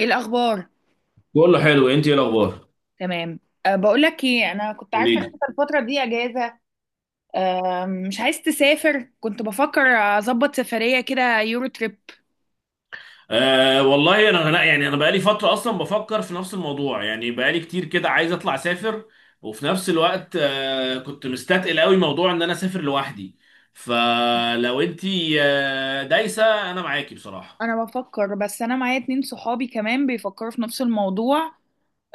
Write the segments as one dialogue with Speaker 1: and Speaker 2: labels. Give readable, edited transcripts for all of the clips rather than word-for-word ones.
Speaker 1: ايه الاخبار؟
Speaker 2: بقول له حلو، انت ايه الاخبار؟
Speaker 1: تمام. أه، بقول لك ايه، انا كنت عارفه
Speaker 2: قولي
Speaker 1: ان
Speaker 2: لي.
Speaker 1: انت الفتره دي اجازه. أه، مش عايز تسافر؟ كنت بفكر اظبط سفريه كده، يورو تريب.
Speaker 2: والله انا لا، يعني انا بقالي فتره اصلا بفكر في نفس الموضوع، يعني بقالي كتير كده عايز اطلع اسافر. وفي نفس الوقت كنت مستثقل قوي موضوع ان انا اسافر لوحدي. فلو انت دايسه، انا معاكي بصراحه.
Speaker 1: انا بفكر، بس انا معايا اتنين صحابي كمان بيفكروا في نفس الموضوع.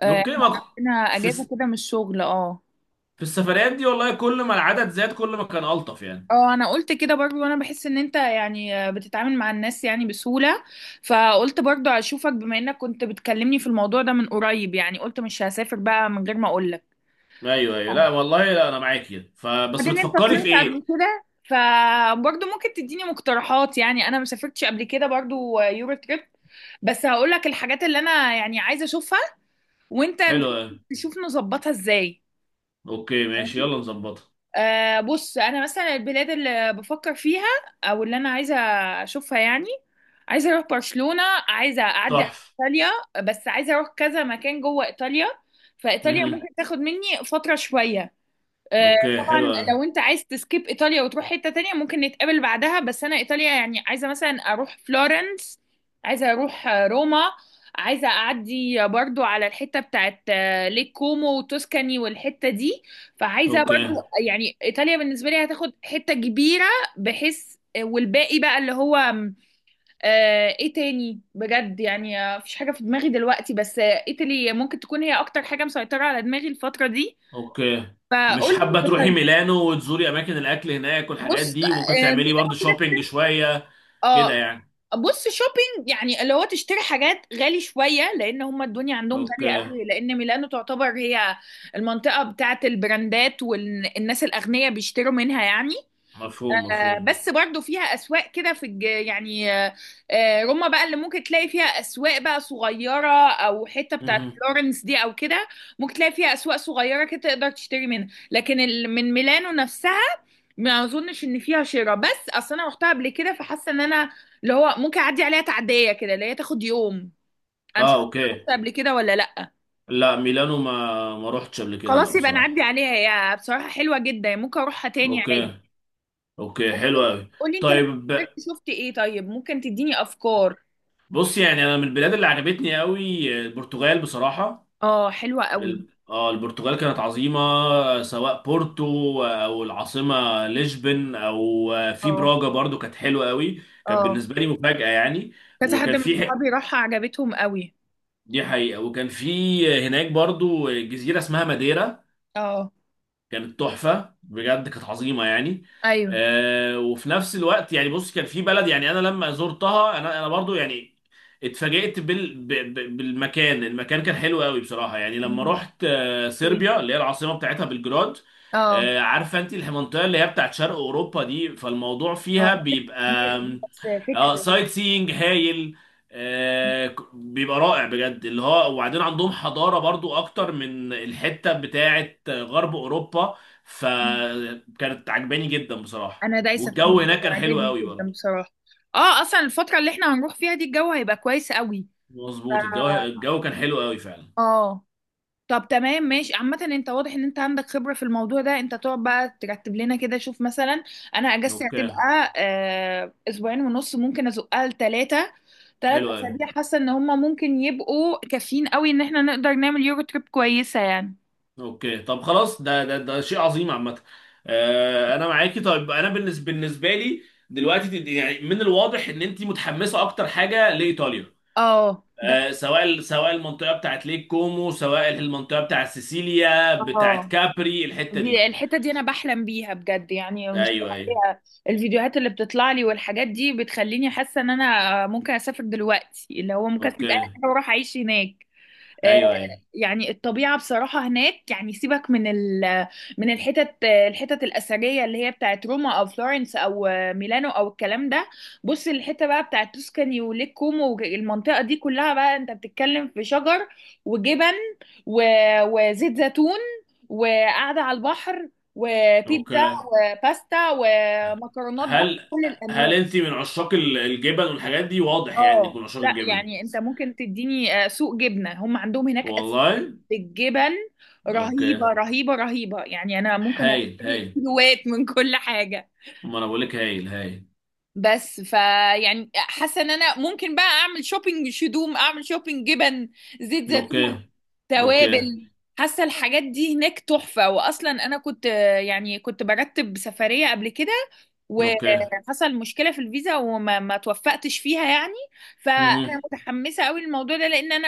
Speaker 1: أه
Speaker 2: اوكي،
Speaker 1: احنا
Speaker 2: ما
Speaker 1: عندنا
Speaker 2: في
Speaker 1: اجازه
Speaker 2: الس-
Speaker 1: كده من الشغل. اه،
Speaker 2: في السفريات دي والله كل ما العدد زاد كل ما كان الطف يعني.
Speaker 1: اه، انا قلت كده برضو. انا بحس ان انت يعني بتتعامل مع الناس يعني بسهوله. فقلت برضو اشوفك، بما انك كنت بتكلمني في الموضوع ده من قريب، يعني قلت مش هسافر بقى من غير ما اقول لك.
Speaker 2: ايوه ايوه، لا والله، لا انا معاكي، فبس
Speaker 1: بعدين انت
Speaker 2: بتفكري في
Speaker 1: طلعت قبل
Speaker 2: ايه؟
Speaker 1: كده فبرضه ممكن تديني مقترحات، يعني انا ما سافرتش قبل كده برضه يورو تريب. بس هقول لك الحاجات اللي انا يعني عايزه اشوفها، وانت
Speaker 2: حلو
Speaker 1: نشوف
Speaker 2: أوي.
Speaker 1: نظبطها ازاي.
Speaker 2: اوكي ماشي، يلا نظبطها.
Speaker 1: بص، انا مثلا البلاد اللي بفكر فيها او اللي انا عايزه اشوفها يعني، عايزه اروح برشلونه، عايزه اعدي على
Speaker 2: تحفه.
Speaker 1: ايطاليا، بس عايزه اروح كذا مكان جوه ايطاليا. فايطاليا ممكن تاخد مني فتره شويه.
Speaker 2: اوكي
Speaker 1: طبعا
Speaker 2: حلو أوي.
Speaker 1: لو انت عايز تسكيب ايطاليا وتروح حتة تانية ممكن نتقابل بعدها، بس انا ايطاليا يعني عايزة مثلا اروح فلورنس، عايزة اروح روما، عايزة اعدي برضو على الحتة بتاعت ليك كومو وتوسكاني والحتة دي. فعايزة برضو
Speaker 2: اوكي.
Speaker 1: يعني ايطاليا بالنسبة لي هتاخد حتة كبيرة، بحيث والباقي بقى اللي هو ايه تاني بجد يعني، مفيش حاجة في دماغي دلوقتي، بس ايطالي ممكن تكون هي اكتر حاجة مسيطرة على دماغي الفترة دي.
Speaker 2: اوكي. مش
Speaker 1: فقول
Speaker 2: حابة
Speaker 1: لي.
Speaker 2: تروحي ميلانو وتزوري اماكن الاكل هناك والحاجات
Speaker 1: بص،
Speaker 2: دي؟ ممكن
Speaker 1: من اللي
Speaker 2: تعملي برضه
Speaker 1: أنا كده
Speaker 2: شوبينج
Speaker 1: كده.
Speaker 2: شوية كده
Speaker 1: اه.
Speaker 2: يعني.
Speaker 1: بص، شوبينج يعني اللي هو تشتري حاجات غالي شويه، لان هم الدنيا عندهم غاليه
Speaker 2: اوكي.
Speaker 1: قوي، لان ميلانو تعتبر هي المنطقه بتاعت البراندات والناس الاغنياء بيشتروا منها يعني.
Speaker 2: مفهوم مفهوم.
Speaker 1: بس برضو فيها اسواق كده في يعني روما بقى اللي ممكن تلاقي فيها اسواق بقى صغيره، او حته بتاعت
Speaker 2: مهم.
Speaker 1: فلورنس دي او كده، ممكن تلاقي فيها اسواق صغيره كده تقدر تشتري منها. لكن من ميلانو نفسها ما اظنش ان فيها شراء، بس اصل انا رحتها قبل كده فحاسه ان انا اللي هو ممكن اعدي عليها تعديه كده اللي هي تاخد يوم. انا مش
Speaker 2: اه
Speaker 1: عارفه
Speaker 2: اوكي.
Speaker 1: رحت قبل كده ولا لا.
Speaker 2: لا ميلانو، ما روحتش قبل كده لا
Speaker 1: خلاص يبقى
Speaker 2: بصراحة.
Speaker 1: نعدي عليها، هي بصراحه حلوه جدا ممكن اروحها تاني عادي.
Speaker 2: اوكي. اوكي
Speaker 1: طب
Speaker 2: حلو قوي.
Speaker 1: قولي انت، لما
Speaker 2: طيب
Speaker 1: سافرت شفت ايه؟ طيب ممكن تديني افكار.
Speaker 2: بص، يعني انا من البلاد اللي عجبتني قوي البرتغال بصراحة.
Speaker 1: اه، حلوة قوي.
Speaker 2: البرتغال كانت عظيمة، سواء بورتو او العاصمة لشبن او في
Speaker 1: اه،
Speaker 2: براجا، برضو كانت حلوة قوي. كان
Speaker 1: اه،
Speaker 2: بالنسبة لي مفاجأة يعني.
Speaker 1: كذا حد
Speaker 2: وكان
Speaker 1: من
Speaker 2: في ح-
Speaker 1: صحابي راحها عجبتهم قوي.
Speaker 2: دي حقيقة، وكان في هناك برضو جزيرة اسمها ماديرا،
Speaker 1: اه.
Speaker 2: كانت تحفة بجد، كانت عظيمة يعني.
Speaker 1: ايوه.
Speaker 2: وفي نفس الوقت يعني بص، كان في بلد يعني انا لما زرتها، انا برضو يعني اتفاجئت بالمكان، المكان كان حلو قوي بصراحة، يعني لما
Speaker 1: مم؟
Speaker 2: رحت
Speaker 1: إيه؟
Speaker 2: صربيا، اللي هي العاصمة بتاعتها بلجراد.
Speaker 1: اه.
Speaker 2: عارفة انت المنطقة اللي هي بتاعت شرق اوروبا دي، فالموضوع
Speaker 1: اه،
Speaker 2: فيها
Speaker 1: ما جاتش
Speaker 2: بيبقى
Speaker 1: في دماغي دي،
Speaker 2: آم،
Speaker 1: بس فكرة والله.
Speaker 2: سايت سينج هايل، بيبقى رائع بجد اللي هو. وبعدين عندهم حضارة برضو اكتر من الحتة بتاعة غرب اوروبا،
Speaker 1: مم.
Speaker 2: فكانت عجباني جدا بصراحة،
Speaker 1: انا دايسة في
Speaker 2: والجو
Speaker 1: الموضوع ده،
Speaker 2: هناك كان حلو
Speaker 1: عاجبني
Speaker 2: قوي
Speaker 1: جدا
Speaker 2: برضو.
Speaker 1: بصراحة. اه، اصلا الفترة اللي احنا هنروح فيها دي الجو هيبقى كويس قوي. ف-
Speaker 2: مظبوط، الجو كان حلو قوي فعلا.
Speaker 1: اه. طب تمام ماشي. عامة انت واضح ان انت عندك خبرة في الموضوع ده، انت تقعد بقى ترتب لنا كده. شوف مثلا، انا اجازتي
Speaker 2: اوكي
Speaker 1: هتبقى اسبوعين ونص، ممكن ازقها لتلاتة. تلات
Speaker 2: حلو قوي.
Speaker 1: اسابيع حاسة ان هما ممكن يبقوا كافيين قوي ان احنا نقدر نعمل يورو تريب كويسة يعني.
Speaker 2: اوكي طب خلاص، ده شيء عظيم عامة. انا معاكي. طيب انا بالنسبة لي دلوقتي يعني من الواضح ان انت متحمسة اكتر حاجة لايطاليا،
Speaker 1: اه ده.
Speaker 2: سواء المنطقه بتاعت ليك كومو، سواء المنطقه بتاعت سيسيليا بتاعت
Speaker 1: اه،
Speaker 2: كابري الحته دي.
Speaker 1: دي الحتة دي انا بحلم بيها بجد يعني، مش
Speaker 2: ايوه ايوه.
Speaker 1: طبيعية. الفيديوهات اللي بتطلع لي والحاجات دي بتخليني حاسة ان انا ممكن اسافر دلوقتي، اللي هو ممكن اسيب
Speaker 2: اوكي.
Speaker 1: اهلي واروح اعيش هناك. آه،
Speaker 2: ايوه ايوه.
Speaker 1: يعني الطبيعة بصراحة هناك، يعني سيبك من ال من الحتت الأثرية اللي هي بتاعت روما أو فلورنس أو ميلانو أو الكلام ده. بص الحتة بقى بتاعت توسكاني وليك كومو والمنطقة دي كلها، بقى أنت بتتكلم في شجر، وجبن، وزيت زيتون، وقعدة على البحر، وبيتزا،
Speaker 2: اوكي.
Speaker 1: وباستا ومكرونات بقى
Speaker 2: هل
Speaker 1: كل الأنواع.
Speaker 2: انت من عشاق الجبن والحاجات دي؟ واضح يعني انك
Speaker 1: اه
Speaker 2: من عشاق
Speaker 1: لا
Speaker 2: الجبن.
Speaker 1: يعني، انت ممكن تديني سوق جبنه. هم عندهم هناك اسماك
Speaker 2: والله.
Speaker 1: بالجبن،
Speaker 2: اوكي.
Speaker 1: رهيبه رهيبه رهيبه يعني. انا ممكن
Speaker 2: هايل
Speaker 1: اشتري
Speaker 2: هايل،
Speaker 1: كيلوات من كل حاجه.
Speaker 2: ما انا بقول لك هايل هايل.
Speaker 1: بس فيعني حاسه ان انا ممكن بقى اعمل شوبينج، شدوم اعمل شوبينج جبن، زيت زيتون،
Speaker 2: اوكي. اوكي.
Speaker 1: توابل. حاسه الحاجات دي هناك تحفه، واصلا انا كنت يعني كنت برتب سفريه قبل كده
Speaker 2: اوكي.
Speaker 1: وحصل مشكله في الفيزا وما ما توفقتش فيها يعني. فانا
Speaker 2: مهم.
Speaker 1: متحمسه قوي للموضوع ده لان انا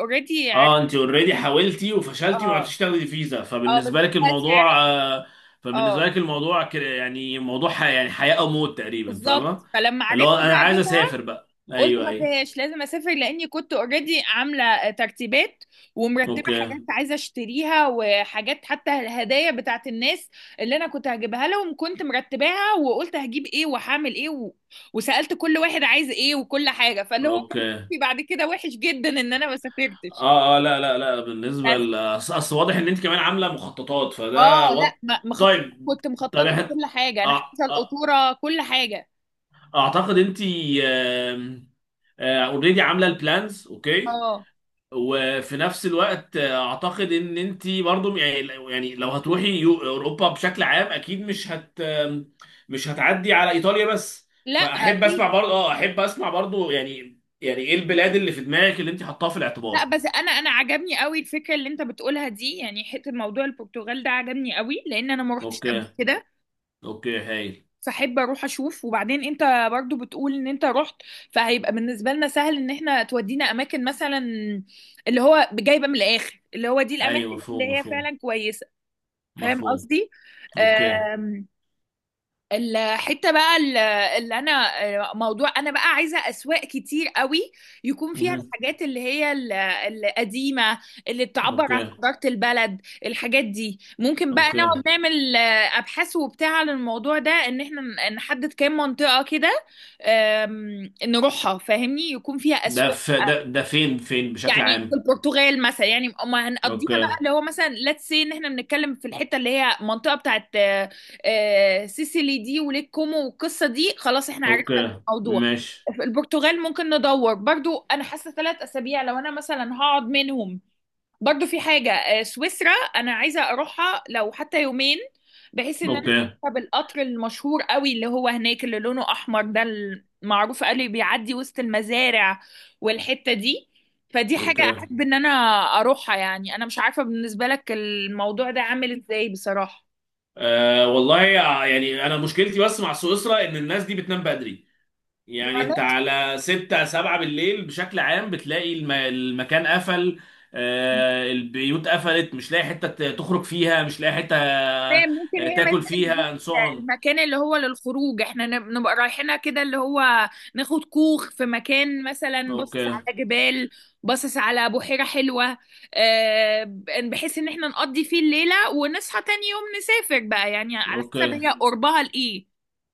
Speaker 1: اوريدي
Speaker 2: اه،
Speaker 1: عرفت.
Speaker 2: انت اوريدي حاولتي وفشلتي وما
Speaker 1: اه،
Speaker 2: عرفتيش تاخدي فيزا،
Speaker 1: اه بس
Speaker 2: فبالنسبه لك
Speaker 1: دلوقتي عرفت.
Speaker 2: الموضوع فبالنسبه
Speaker 1: اه
Speaker 2: لك الموضوع كده يعني موضوع يعني حياه او موت تقريبا، فاهمه؟
Speaker 1: بالظبط، فلما
Speaker 2: اللي
Speaker 1: عرفت
Speaker 2: هو انا
Speaker 1: بقى
Speaker 2: عايز
Speaker 1: جبت.
Speaker 2: اسافر بقى،
Speaker 1: قلت
Speaker 2: ايوه
Speaker 1: ما
Speaker 2: ايوه.
Speaker 1: فيهاش، لازم اسافر لاني كنت اوريدي عامله ترتيبات، ومرتبه
Speaker 2: اوكي.
Speaker 1: حاجات عايزه اشتريها، وحاجات حتى الهدايا بتاعت الناس اللي انا كنت هجيبها لهم كنت مرتباها، وقلت هجيب ايه وهعمل ايه و... وسالت كل واحد عايز ايه وكل حاجه، فاللي هو
Speaker 2: اوكي.
Speaker 1: كان في بعد كده وحش جدا ان انا ما سافرتش.
Speaker 2: اه اه، لا لا لا، بالنسبه
Speaker 1: بس
Speaker 2: ل... اصل أصل واضح ان انت كمان عامله مخططات،
Speaker 1: اه، لا مخططه،
Speaker 2: طيب.
Speaker 1: كنت
Speaker 2: طب
Speaker 1: مخططه
Speaker 2: إحنا-
Speaker 1: كل حاجه انا،
Speaker 2: أع-
Speaker 1: حاطه
Speaker 2: أع-
Speaker 1: القطوره كل حاجه.
Speaker 2: اعتقد انت اوريدي عامله البلانز، اوكي.
Speaker 1: اه
Speaker 2: وفي نفس الوقت اعتقد ان انت برضو، يعني يعني لو هتروحي اوروبا بشكل عام، اكيد مش هتعدي على ايطاليا بس،
Speaker 1: لا
Speaker 2: فاحب
Speaker 1: اكيد.
Speaker 2: اسمع برضو، اه احب اسمع برضو يعني، يعني ايه البلاد اللي في دماغك اللي انت حطاها في
Speaker 1: لا
Speaker 2: الاعتبار؟
Speaker 1: بس انا عجبني قوي الفكره اللي انت بتقولها دي، يعني حته موضوع البرتغال ده عجبني قوي لان انا ما روحتش قبل
Speaker 2: اوكي.
Speaker 1: كده،
Speaker 2: اوكي هايل.
Speaker 1: فاحب اروح اشوف. وبعدين انت برضو بتقول ان انت رحت، فهيبقى بالنسبه لنا سهل ان احنا تودينا اماكن مثلا، اللي هو جايبه من الاخر اللي هو دي
Speaker 2: ايوه
Speaker 1: الاماكن اللي
Speaker 2: مفهوم
Speaker 1: هي
Speaker 2: مفهوم.
Speaker 1: فعلا كويسه. فاهم
Speaker 2: مفهوم.
Speaker 1: قصدي؟
Speaker 2: اوكي.
Speaker 1: آمم. الحته بقى اللي انا، موضوع انا بقى عايزه اسواق كتير قوي يكون فيها
Speaker 2: مهم.
Speaker 1: الحاجات اللي هي القديمه اللي بتعبر عن
Speaker 2: اوكي.
Speaker 1: حضاره البلد. الحاجات دي ممكن بقى نقعد
Speaker 2: اوكي.
Speaker 1: نعمل ابحاث وبتاع عن الموضوع ده ان احنا نحدد كام منطقه كده، نروحها. فاهمني؟ يكون فيها
Speaker 2: ده
Speaker 1: اسواق
Speaker 2: في ده ده فين فين بشكل
Speaker 1: يعني. في
Speaker 2: عام؟
Speaker 1: البرتغال مثلا يعني ما هنقضيها
Speaker 2: اوكي.
Speaker 1: بقى، اللي هو مثلا ليتس سي، ان احنا بنتكلم في الحته اللي هي المنطقه بتاعت سيسيلي دي وليك كومو والقصه دي، خلاص احنا عرفنا
Speaker 2: اوكي
Speaker 1: الموضوع.
Speaker 2: ماشي.
Speaker 1: في البرتغال ممكن ندور برضو. انا حاسه 3 اسابيع لو انا مثلا هقعد منهم، برضو في حاجة سويسرا أنا عايزة أروحها لو حتى يومين، بحيث إن أنا
Speaker 2: اوكي.
Speaker 1: أركب القطر المشهور قوي اللي هو هناك، اللي لونه أحمر ده، المعروف قوي بيعدي وسط المزارع والحتة دي. فدي حاجة
Speaker 2: اوكي.
Speaker 1: أحب إن أنا أروحها يعني. أنا مش عارفة بالنسبة لك الموضوع ده عامل إزاي.
Speaker 2: أه والله، يعني انا مشكلتي بس مع سويسرا ان الناس دي بتنام بدري، يعني
Speaker 1: بصراحة
Speaker 2: انت على 6 7 بالليل بشكل عام بتلاقي المكان قفل، أه البيوت قفلت، مش لاقي حتة تخرج فيها، مش لاقي حتة
Speaker 1: فاهم ممكن هي ما
Speaker 2: تاكل
Speaker 1: تبقاش دي
Speaker 2: فيها and so on.
Speaker 1: المكان اللي هو للخروج، احنا نبقى رايحينها كده، اللي هو ناخد كوخ في مكان مثلا
Speaker 2: اوكي.
Speaker 1: باصص على جبال، باصص على بحيرة حلوة. آه، بحيث ان احنا نقضي فيه الليلة ونصحى تاني يوم نسافر بقى، يعني على
Speaker 2: اوكي.
Speaker 1: حسب هي قربها لإيه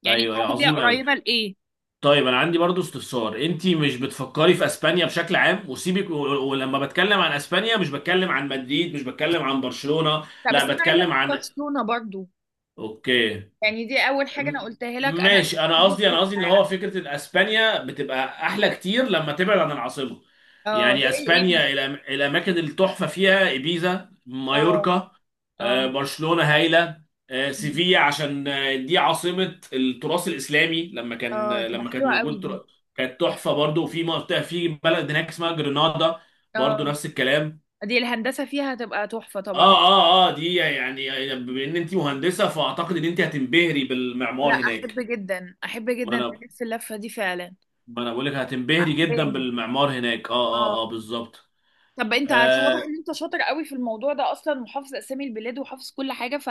Speaker 1: يعني،
Speaker 2: ايوه أيوة،
Speaker 1: هي
Speaker 2: عظيم قوي.
Speaker 1: قريبة لإيه.
Speaker 2: طيب انا عندي برضو استفسار، انتي مش بتفكري في اسبانيا بشكل عام؟ وسيبك ولما بتكلم عن اسبانيا مش بتكلم عن مدريد، مش بتكلم عن برشلونة،
Speaker 1: طب بس
Speaker 2: لا
Speaker 1: انا عايزة
Speaker 2: بتكلم
Speaker 1: اروح
Speaker 2: عن.
Speaker 1: برشلونة برضو،
Speaker 2: اوكي.
Speaker 1: يعني دي اول حاجة انا
Speaker 2: م-
Speaker 1: قلتها لك. انا
Speaker 2: ماشي، انا
Speaker 1: بحب
Speaker 2: قصدي انا
Speaker 1: أشوفها
Speaker 2: قصدي ان هو
Speaker 1: يعني.
Speaker 2: فكره ان اسبانيا بتبقى احلى كتير لما تبعد عن العاصمه،
Speaker 1: اه
Speaker 2: يعني
Speaker 1: زي ايه
Speaker 2: اسبانيا
Speaker 1: مثلا.
Speaker 2: الاماكن التحفه فيها ايبيزا،
Speaker 1: اه،
Speaker 2: مايوركا،
Speaker 1: اه،
Speaker 2: برشلونه هايله، سيفيا عشان دي عاصمه التراث الاسلامي، لما كان
Speaker 1: اه تبقى
Speaker 2: لما كانت
Speaker 1: حلوة قوي
Speaker 2: موجود
Speaker 1: دي.
Speaker 2: كانت تحفه برضو. وفي منطقه في بلد هناك اسمها جرينادا، برضو
Speaker 1: اه،
Speaker 2: نفس الكلام.
Speaker 1: دي الهندسة فيها هتبقى تحفة
Speaker 2: اه
Speaker 1: طبعا.
Speaker 2: اه اه، دي يعني يعني بما ان انت مهندسه، فاعتقد ان انت هتنبهري
Speaker 1: لا
Speaker 2: بالمعمار
Speaker 1: أحب
Speaker 2: هناك.
Speaker 1: جدا، أحب
Speaker 2: ما
Speaker 1: جدا
Speaker 2: انا
Speaker 1: ألف اللفة دي فعلا.
Speaker 2: ما انا بقول لك هتنبهري جدا
Speaker 1: عجباني.
Speaker 2: بالمعمار هناك، اه
Speaker 1: اه،
Speaker 2: اه اه بالظبط.
Speaker 1: طب انت
Speaker 2: آه
Speaker 1: واضح ان انت شاطر قوي في الموضوع ده اصلا، وحافظ اسامي البلاد وحافظ كل حاجه ف،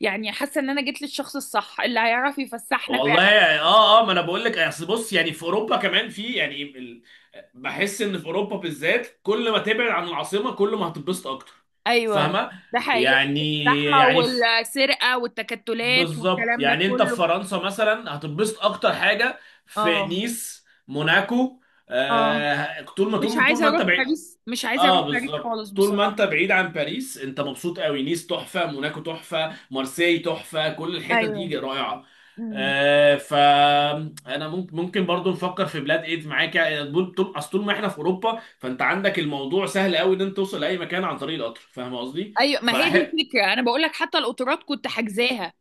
Speaker 1: يعني حاسه ان انا جيت للشخص الصح اللي هيعرف يفسحنا فعلا.
Speaker 2: والله اه اه، ما انا بقول لك اصل بص، يعني في اوروبا كمان في يعني بحس ان في اوروبا بالذات كل ما تبعد عن العاصمه كل ما هتتبسط اكتر،
Speaker 1: ايوه
Speaker 2: فاهمه؟
Speaker 1: ده حقيقه،
Speaker 2: يعني
Speaker 1: الزحمه
Speaker 2: يعني في...
Speaker 1: والسرقه والتكتلات
Speaker 2: بالظبط،
Speaker 1: والكلام ده
Speaker 2: يعني انت في
Speaker 1: كله.
Speaker 2: فرنسا مثلا هتتبسط اكتر حاجه في
Speaker 1: اه،
Speaker 2: نيس، موناكو،
Speaker 1: اه.
Speaker 2: طول ما
Speaker 1: مش
Speaker 2: طول طول
Speaker 1: عايزه
Speaker 2: ما انت
Speaker 1: اروح
Speaker 2: بعيد.
Speaker 1: باريس، مش عايزه
Speaker 2: اه
Speaker 1: اروح باريس
Speaker 2: بالظبط،
Speaker 1: خالص
Speaker 2: طول ما
Speaker 1: بصراحه.
Speaker 2: انت بعيد عن باريس انت مبسوط قوي، نيس تحفه، موناكو تحفه، مارسيي تحفه، كل الحتت
Speaker 1: ايوه.
Speaker 2: دي رائعه.
Speaker 1: امم.
Speaker 2: فانا ممكن ممكن برضو نفكر في بلاد ايد معاك، يعني طول طول- اصل طول ما احنا في اوروبا، فانت عندك الموضوع سهل قوي ان انت توصل لاي مكان عن طريق القطر، فاهم قصدي؟
Speaker 1: ايوه، ما هي دي
Speaker 2: فأح...
Speaker 1: الفكره، انا بقول لك حتى القطارات كنت حاجزاها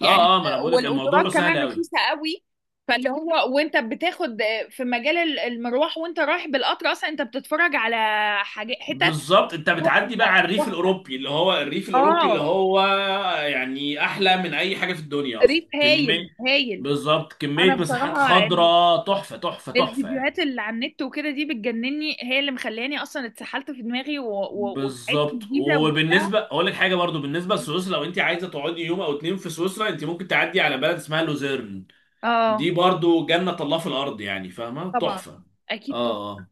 Speaker 1: يعني.
Speaker 2: اه اه ما انا بقول لك الموضوع
Speaker 1: والقطارات
Speaker 2: سهل
Speaker 1: كمان
Speaker 2: قوي.
Speaker 1: رخيصه قوي. فاللي هو وانت بتاخد في مجال المروح وانت رايح بالقطر اصلا، انت بتتفرج على حاجات حتت
Speaker 2: بالظبط، انت
Speaker 1: تحفة،
Speaker 2: بتعدي بقى على الريف
Speaker 1: تحفة.
Speaker 2: الاوروبي، اللي هو الريف الاوروبي اللي
Speaker 1: اه.
Speaker 2: هو يعني احلى من اي حاجه في الدنيا
Speaker 1: ريف
Speaker 2: اصلا، كميه،
Speaker 1: هايل، هايل.
Speaker 2: بالظبط،
Speaker 1: انا
Speaker 2: كمية مساحات
Speaker 1: بصراحه
Speaker 2: خضراء تحفة تحفة تحفة يعني.
Speaker 1: الفيديوهات اللي على النت وكده دي بتجنني، هي اللي مخلاني اصلا اتسحلت في دماغي وسعيت في
Speaker 2: بالظبط.
Speaker 1: الجيزه وجبتها.
Speaker 2: وبالنسبة أقول لك حاجة برضو، بالنسبة لسويسرا لو أنت عايزة تقعدي يوم أو اتنين في سويسرا، أنت ممكن تعدي على بلد اسمها لوزيرن،
Speaker 1: اه
Speaker 2: دي برضو جنة الله في الأرض يعني، فاهمة؟
Speaker 1: طبعا.
Speaker 2: تحفة.
Speaker 1: اكيد.
Speaker 2: آه آه.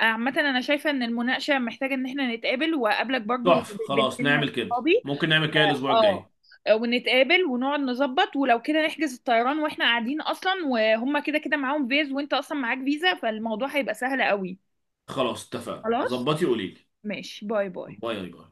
Speaker 1: عامة أنا شايفة إن المناقشة محتاجة إن إحنا نتقابل، وأقابلك برضو
Speaker 2: تحفة خلاص،
Speaker 1: بنتين
Speaker 2: نعمل كده.
Speaker 1: صحابي.
Speaker 2: ممكن نعمل كده الأسبوع
Speaker 1: أه،
Speaker 2: الجاي.
Speaker 1: ونتقابل ونقعد نظبط، ولو كده نحجز الطيران وإحنا قاعدين، أصلا وهما كده كده معاهم فيز وإنت أصلا معاك فيزا، فالموضوع هيبقى سهل قوي.
Speaker 2: خلاص اتفقنا،
Speaker 1: خلاص
Speaker 2: ظبطي قوليلي.
Speaker 1: ماشي، باي باي
Speaker 2: باي باي.